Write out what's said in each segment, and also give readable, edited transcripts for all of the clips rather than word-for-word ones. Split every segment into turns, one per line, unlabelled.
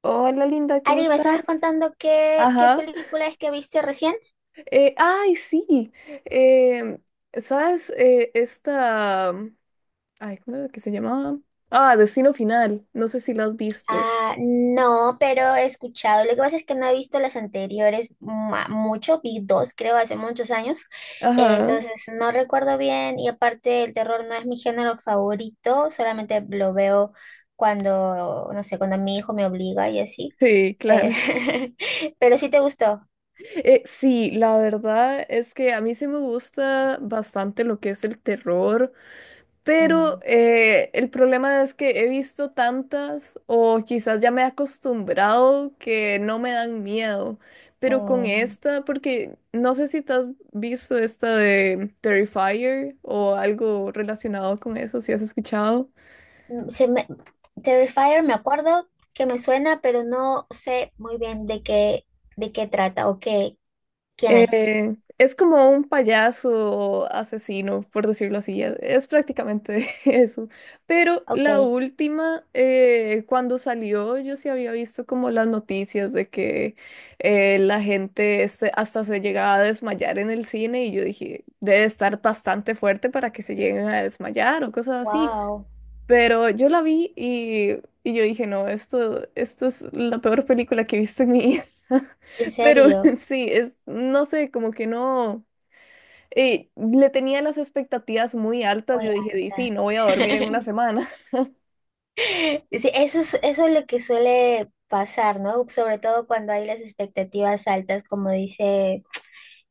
Hola linda, ¿cómo
Ari, ¿me estabas
estás?
contando qué
Ajá.
película es que viste recién?
Ay, sí. Em, ¿Sabes? Esta. Ay, ¿cómo era que se llamaba? Ah, Destino Final. No sé si la has visto.
Ah, no, pero he escuchado. Lo que pasa es que no he visto las anteriores mucho, vi dos, creo, hace muchos años. Eh,
Ajá.
entonces no recuerdo bien y aparte el terror no es mi género favorito, solamente lo veo cuando, no sé, cuando mi hijo me obliga y así.
Sí,
Pero,
claro.
pero sí te gustó.
Sí, la verdad es que a mí sí me gusta bastante lo que es el terror. Pero
Mm.
el problema es que he visto tantas o quizás ya me he acostumbrado que no me dan miedo. Pero con
Mm.
esta, porque no sé si te has visto esta de Terrifier o algo relacionado con eso, si has escuchado.
Mm, Se me, Terrifier me acuerdo que me suena, pero no sé muy bien de qué trata o qué, quién es.
Es como un payaso asesino, por decirlo así. Es, prácticamente eso. Pero
Ok,
la última, cuando salió, yo sí había visto como las noticias de que la gente hasta se llegaba a desmayar en el cine y yo dije, debe estar bastante fuerte para que se lleguen a desmayar o cosas así.
wow,
Pero yo la vi y yo dije, no, esto es la peor película que he visto en mi vida.
en
Pero
serio,
sí, es, no sé, como que no, le tenía las expectativas muy altas.
muy
Yo dije, "Di, sí,
alta.
no voy a dormir en una semana.
Sí, eso es lo que suele pasar, ¿no? Sobre todo cuando hay las expectativas altas, como dice.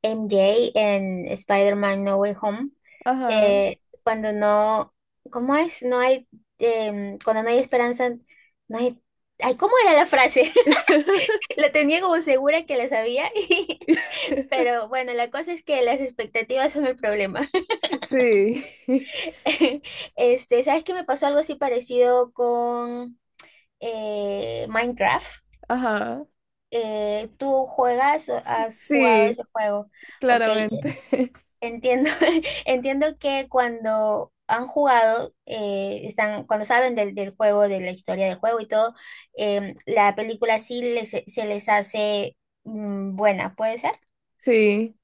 MJ en Spider-Man No Way Home,
Ajá.
cuando no, ¿cómo es? No hay, cuando no hay esperanza, no hay, ay, ¿cómo era la frase? La tenía como segura que la sabía, pero bueno, la cosa es que las expectativas son el problema.
Sí,
Este, ¿sabes qué me pasó algo así parecido con Minecraft?
ajá.
¿Tú juegas o has jugado
Sí,
ese juego? Ok,
claramente.
entiendo, entiendo que cuando han jugado, están, cuando saben del juego, de la historia del juego y todo, la película sí se les hace buena, ¿puede ser?
Sí.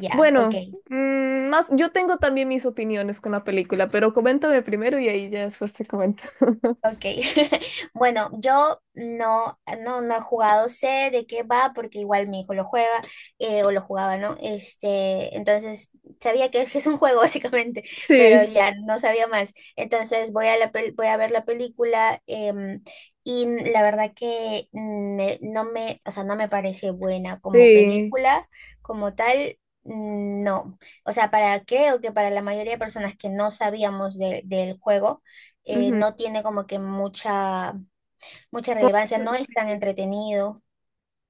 Ya, ok.
Bueno, más, yo tengo también mis opiniones con la película, pero coméntame primero y ahí ya después te comento.
Ok, bueno, yo no, no, no he jugado, sé de qué va, porque igual mi hijo lo juega, o lo jugaba, ¿no? Este, entonces, sabía que es un juego básicamente, pero
Sí.
ya no sabía más. Entonces, voy a ver la película, em, y la verdad que no me, o sea, no me parece buena como
Sí,
película, como tal. No, o sea, para creo que para la mayoría de personas que no sabíamos del juego,
ujú,
no tiene como que mucha
con
relevancia,
mucho,
no es tan
sí.
entretenido.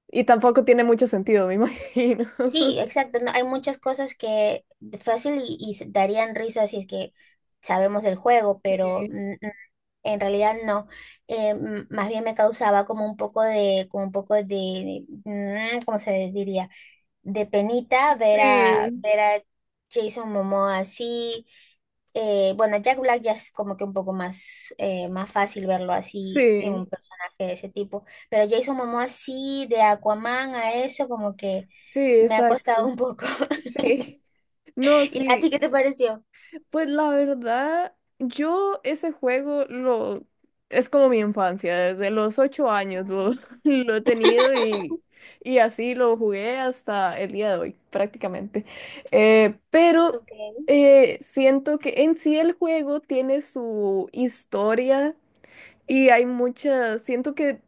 Y tampoco tiene mucho sentido, me imagino.
Sí, exacto, no, hay muchas cosas que de fácil y darían risa si es que sabemos el juego, pero
Sí,
en realidad no. Más bien me causaba como un poco de, como un poco de, mm, ¿cómo se diría? De penita ver a,
sí,
ver a Jason Momoa así. Bueno, Jack Black ya es como que un poco más, más fácil verlo así en
sí,
un personaje de ese tipo, pero Jason Momoa así de Aquaman a eso como que
sí,
me ha
exacto.
costado un poco.
Sí, no,
¿Y a ti
sí.
qué te pareció?
Pues la verdad, yo ese juego lo es como mi infancia, desde los 8 años lo, lo he tenido y así lo jugué hasta el día de hoy, prácticamente. Pero
Ok,
siento que en sí el juego tiene su historia. Y hay muchas, siento que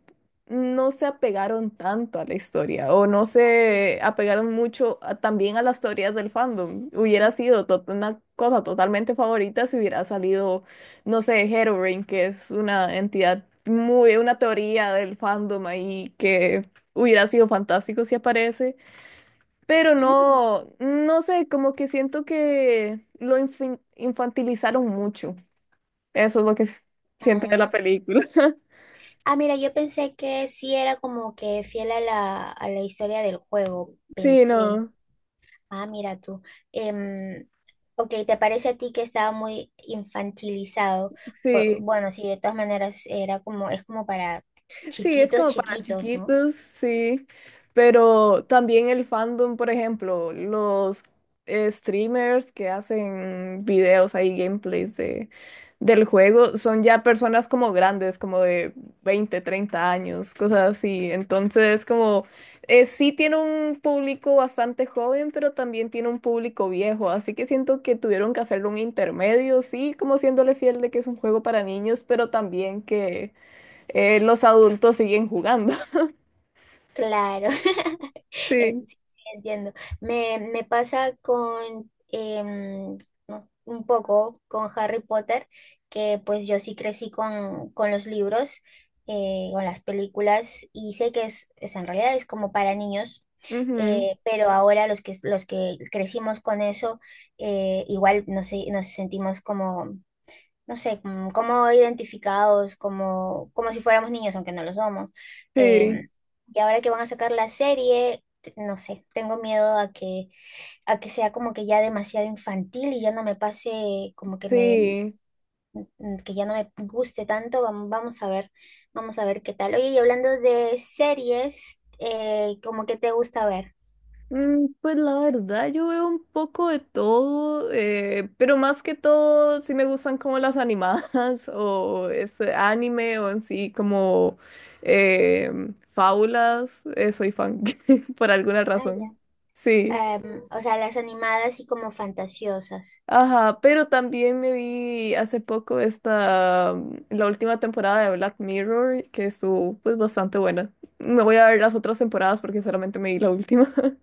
no se apegaron tanto a la historia o no
así.
se apegaron mucho también a las teorías del fandom. Hubiera sido una cosa totalmente favorita si hubiera salido, no sé, Herobrine, que es una entidad muy, una teoría del fandom ahí que hubiera sido fantástico si aparece. Pero
Mm,
no, no sé, como que siento que lo infantilizaron mucho. Eso es lo que siento de la
mm.
película.
Ah, mira, yo pensé que sí era como que fiel a la historia del juego,
Sí,
pensé.
no,
Ah, mira tú. Em, Ok, ¿te parece a ti que estaba muy infantilizado? Pu-
sí.
bueno, sí, de todas maneras era como, es como para
Sí, es
chiquitos,
como para
chiquitos, ¿no?
chiquitos, sí. Pero también el fandom, por ejemplo, los streamers que hacen videos ahí, gameplays del juego, son ya personas como grandes, como de 20, 30 años, cosas así. Entonces, como sí tiene un público bastante joven, pero también tiene un público viejo. Así que siento que tuvieron que hacerle un intermedio, sí, como siéndole fiel de que es un juego para niños, pero también que los adultos siguen jugando.
Claro.
Sí.
Sí, sí, entiendo. Me pasa con no, un poco con Harry Potter, que pues yo sí crecí con los libros, con las películas, y sé que es en realidad es como para niños,
Ujú,
pero ahora los que crecimos con eso, igual nos sentimos como no sé, como identificados, como si fuéramos niños, aunque no lo somos.
sí,
Em, y ahora que van a sacar la serie, no sé, tengo miedo a que sea como que ya demasiado infantil y ya no me pase, como que me,
sí.
que ya no me guste tanto. Vamos a ver qué tal. Oye, y hablando de series, ¿cómo que te gusta ver?
Pues la verdad, yo veo un poco de todo, pero más que todo, sí me gustan como las animadas o este anime o en sí como eh, fábulas. Soy fan por alguna
Ah,
razón.
ya.
Sí.
O sea, las animadas y como fantasiosas.
Ajá, pero también me vi hace poco esta, la última temporada de Black Mirror, que estuvo pues bastante buena. Me voy a ver las otras temporadas porque solamente me vi la última.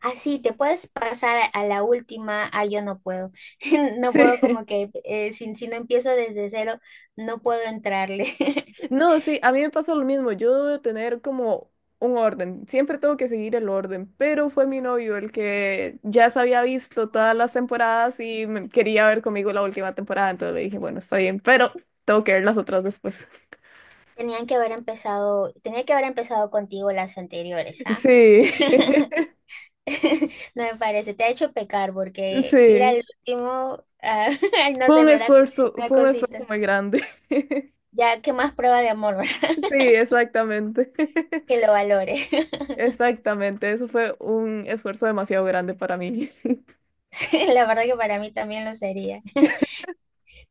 Así te puedes pasar a la última, ah, yo no puedo, no puedo como
Sí.
que si no empiezo desde cero, no puedo entrarle.
No, sí, a mí me pasa lo mismo. Yo debo tener como un orden. Siempre tengo que seguir el orden, pero fue mi novio el que ya se había visto todas
Mm.
las temporadas y quería ver conmigo la última temporada, entonces le dije, bueno, está bien, pero tengo que ver las otras después.
Tenían que haber empezado, tenía que haber empezado contigo las anteriores, ¿ah?
Sí,
No me parece, te ha hecho pecar porque ir al
sí.
último, ah, ay, no sé, me da una
Fue un esfuerzo
cosita.
muy grande.
Ya, ¿qué más prueba de amor,
Sí, exactamente.
Que lo valore.
Exactamente, eso fue un esfuerzo demasiado grande para mí.
Sí, la verdad que para mí también lo sería.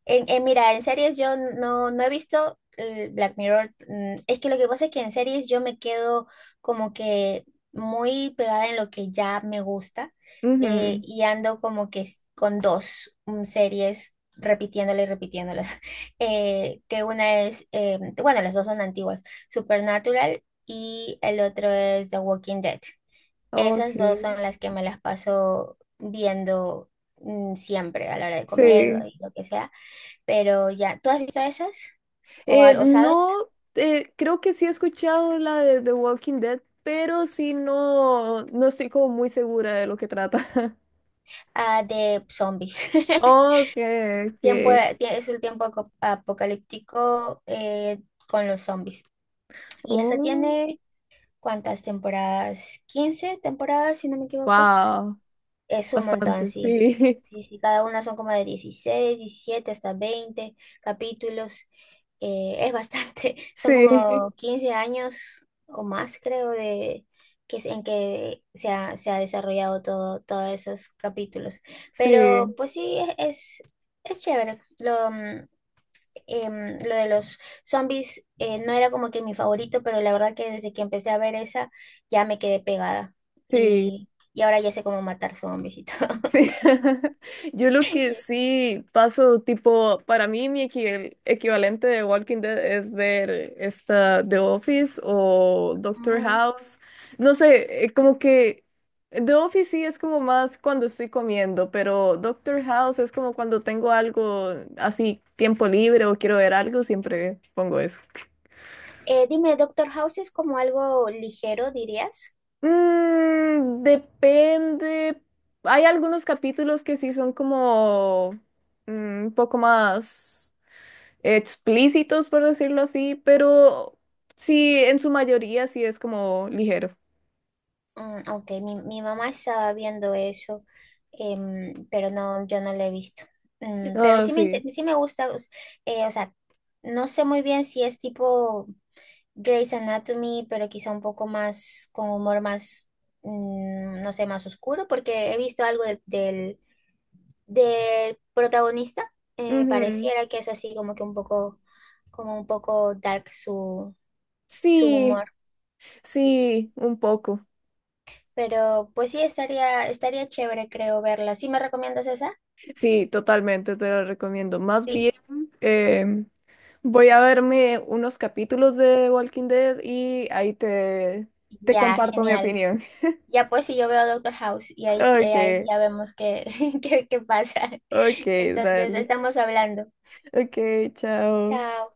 Mira, en series yo no, no he visto Black Mirror. Es que lo que pasa es que en series yo me quedo como que muy pegada en lo que ya me gusta
Ujú,
y ando como que con dos series repitiéndolas y repitiéndolas. Que una es, bueno, las dos son antiguas, Supernatural y el otro es The Walking Dead.
ok,
Esas dos son las que me las paso viendo siempre a la hora de comer
sí.
y lo que sea. Pero ya, ¿tú has visto esas? ¿O algo sabes?
No, creo que sí he escuchado la de The Walking Dead, pero sí no, no estoy como muy segura de lo que trata.
Ah, de zombies.
Ok,
Tiempo,
ok.
es el tiempo apocalíptico con los zombies. Y esa
Oh,
tiene, ¿cuántas temporadas? 15 temporadas, si no me equivoco.
wow,
Es un montón,
bastante,
sí.
sí.
Sí, sí, cada una son como de 16 17 hasta 20 capítulos. Es bastante, son
Sí,
como 15 años o más, creo, de que es en que se ha desarrollado todo, todos esos capítulos. Pero
sí,
pues sí, es chévere. Lo de los zombies no era como que mi favorito, pero la verdad que desde que empecé a ver esa ya me quedé pegada
sí.
y ahora ya sé cómo matar zombies y todo.
Sí, yo lo que
Y-
sí paso, tipo, para mí mi equivalente de Walking Dead es ver esta The Office o Doctor
Mm.
House. No sé, como que The Office sí es como más cuando estoy comiendo, pero Doctor House es como cuando tengo algo así, tiempo libre o quiero ver algo, siempre pongo eso.
Dime, Doctor House es como algo ligero, ¿dirías?
Depende. Hay algunos capítulos que sí son como mm, un poco más explícitos, por decirlo así, pero sí, en su mayoría sí es como ligero.
Ok, mi mamá estaba viendo eso, pero no, yo no lo he visto. Pero
Ah,
sí
sí.
sí me gusta, o sea, no sé muy bien si es tipo Grey's Anatomy, pero quizá un poco más con humor más, no sé, más oscuro, porque he visto algo del protagonista. eh,
Ujú.
pareciera que es así como que un poco, como un poco dark su
Sí,
humor.
sí, un poco.
Pero pues sí, estaría chévere, creo, verla. ¿Sí me recomiendas esa?
Sí, totalmente te lo recomiendo. Más
Sí,
bien, em, voy a verme unos capítulos de Walking Dead y ahí te
ya,
comparto mi
genial.
opinión.
Ya pues si yo veo Doctor House y ahí, ahí
Ok.
ya vemos qué, qué pasa.
Ok,
Entonces,
dale.
estamos hablando.
Ok, chao.
Chao.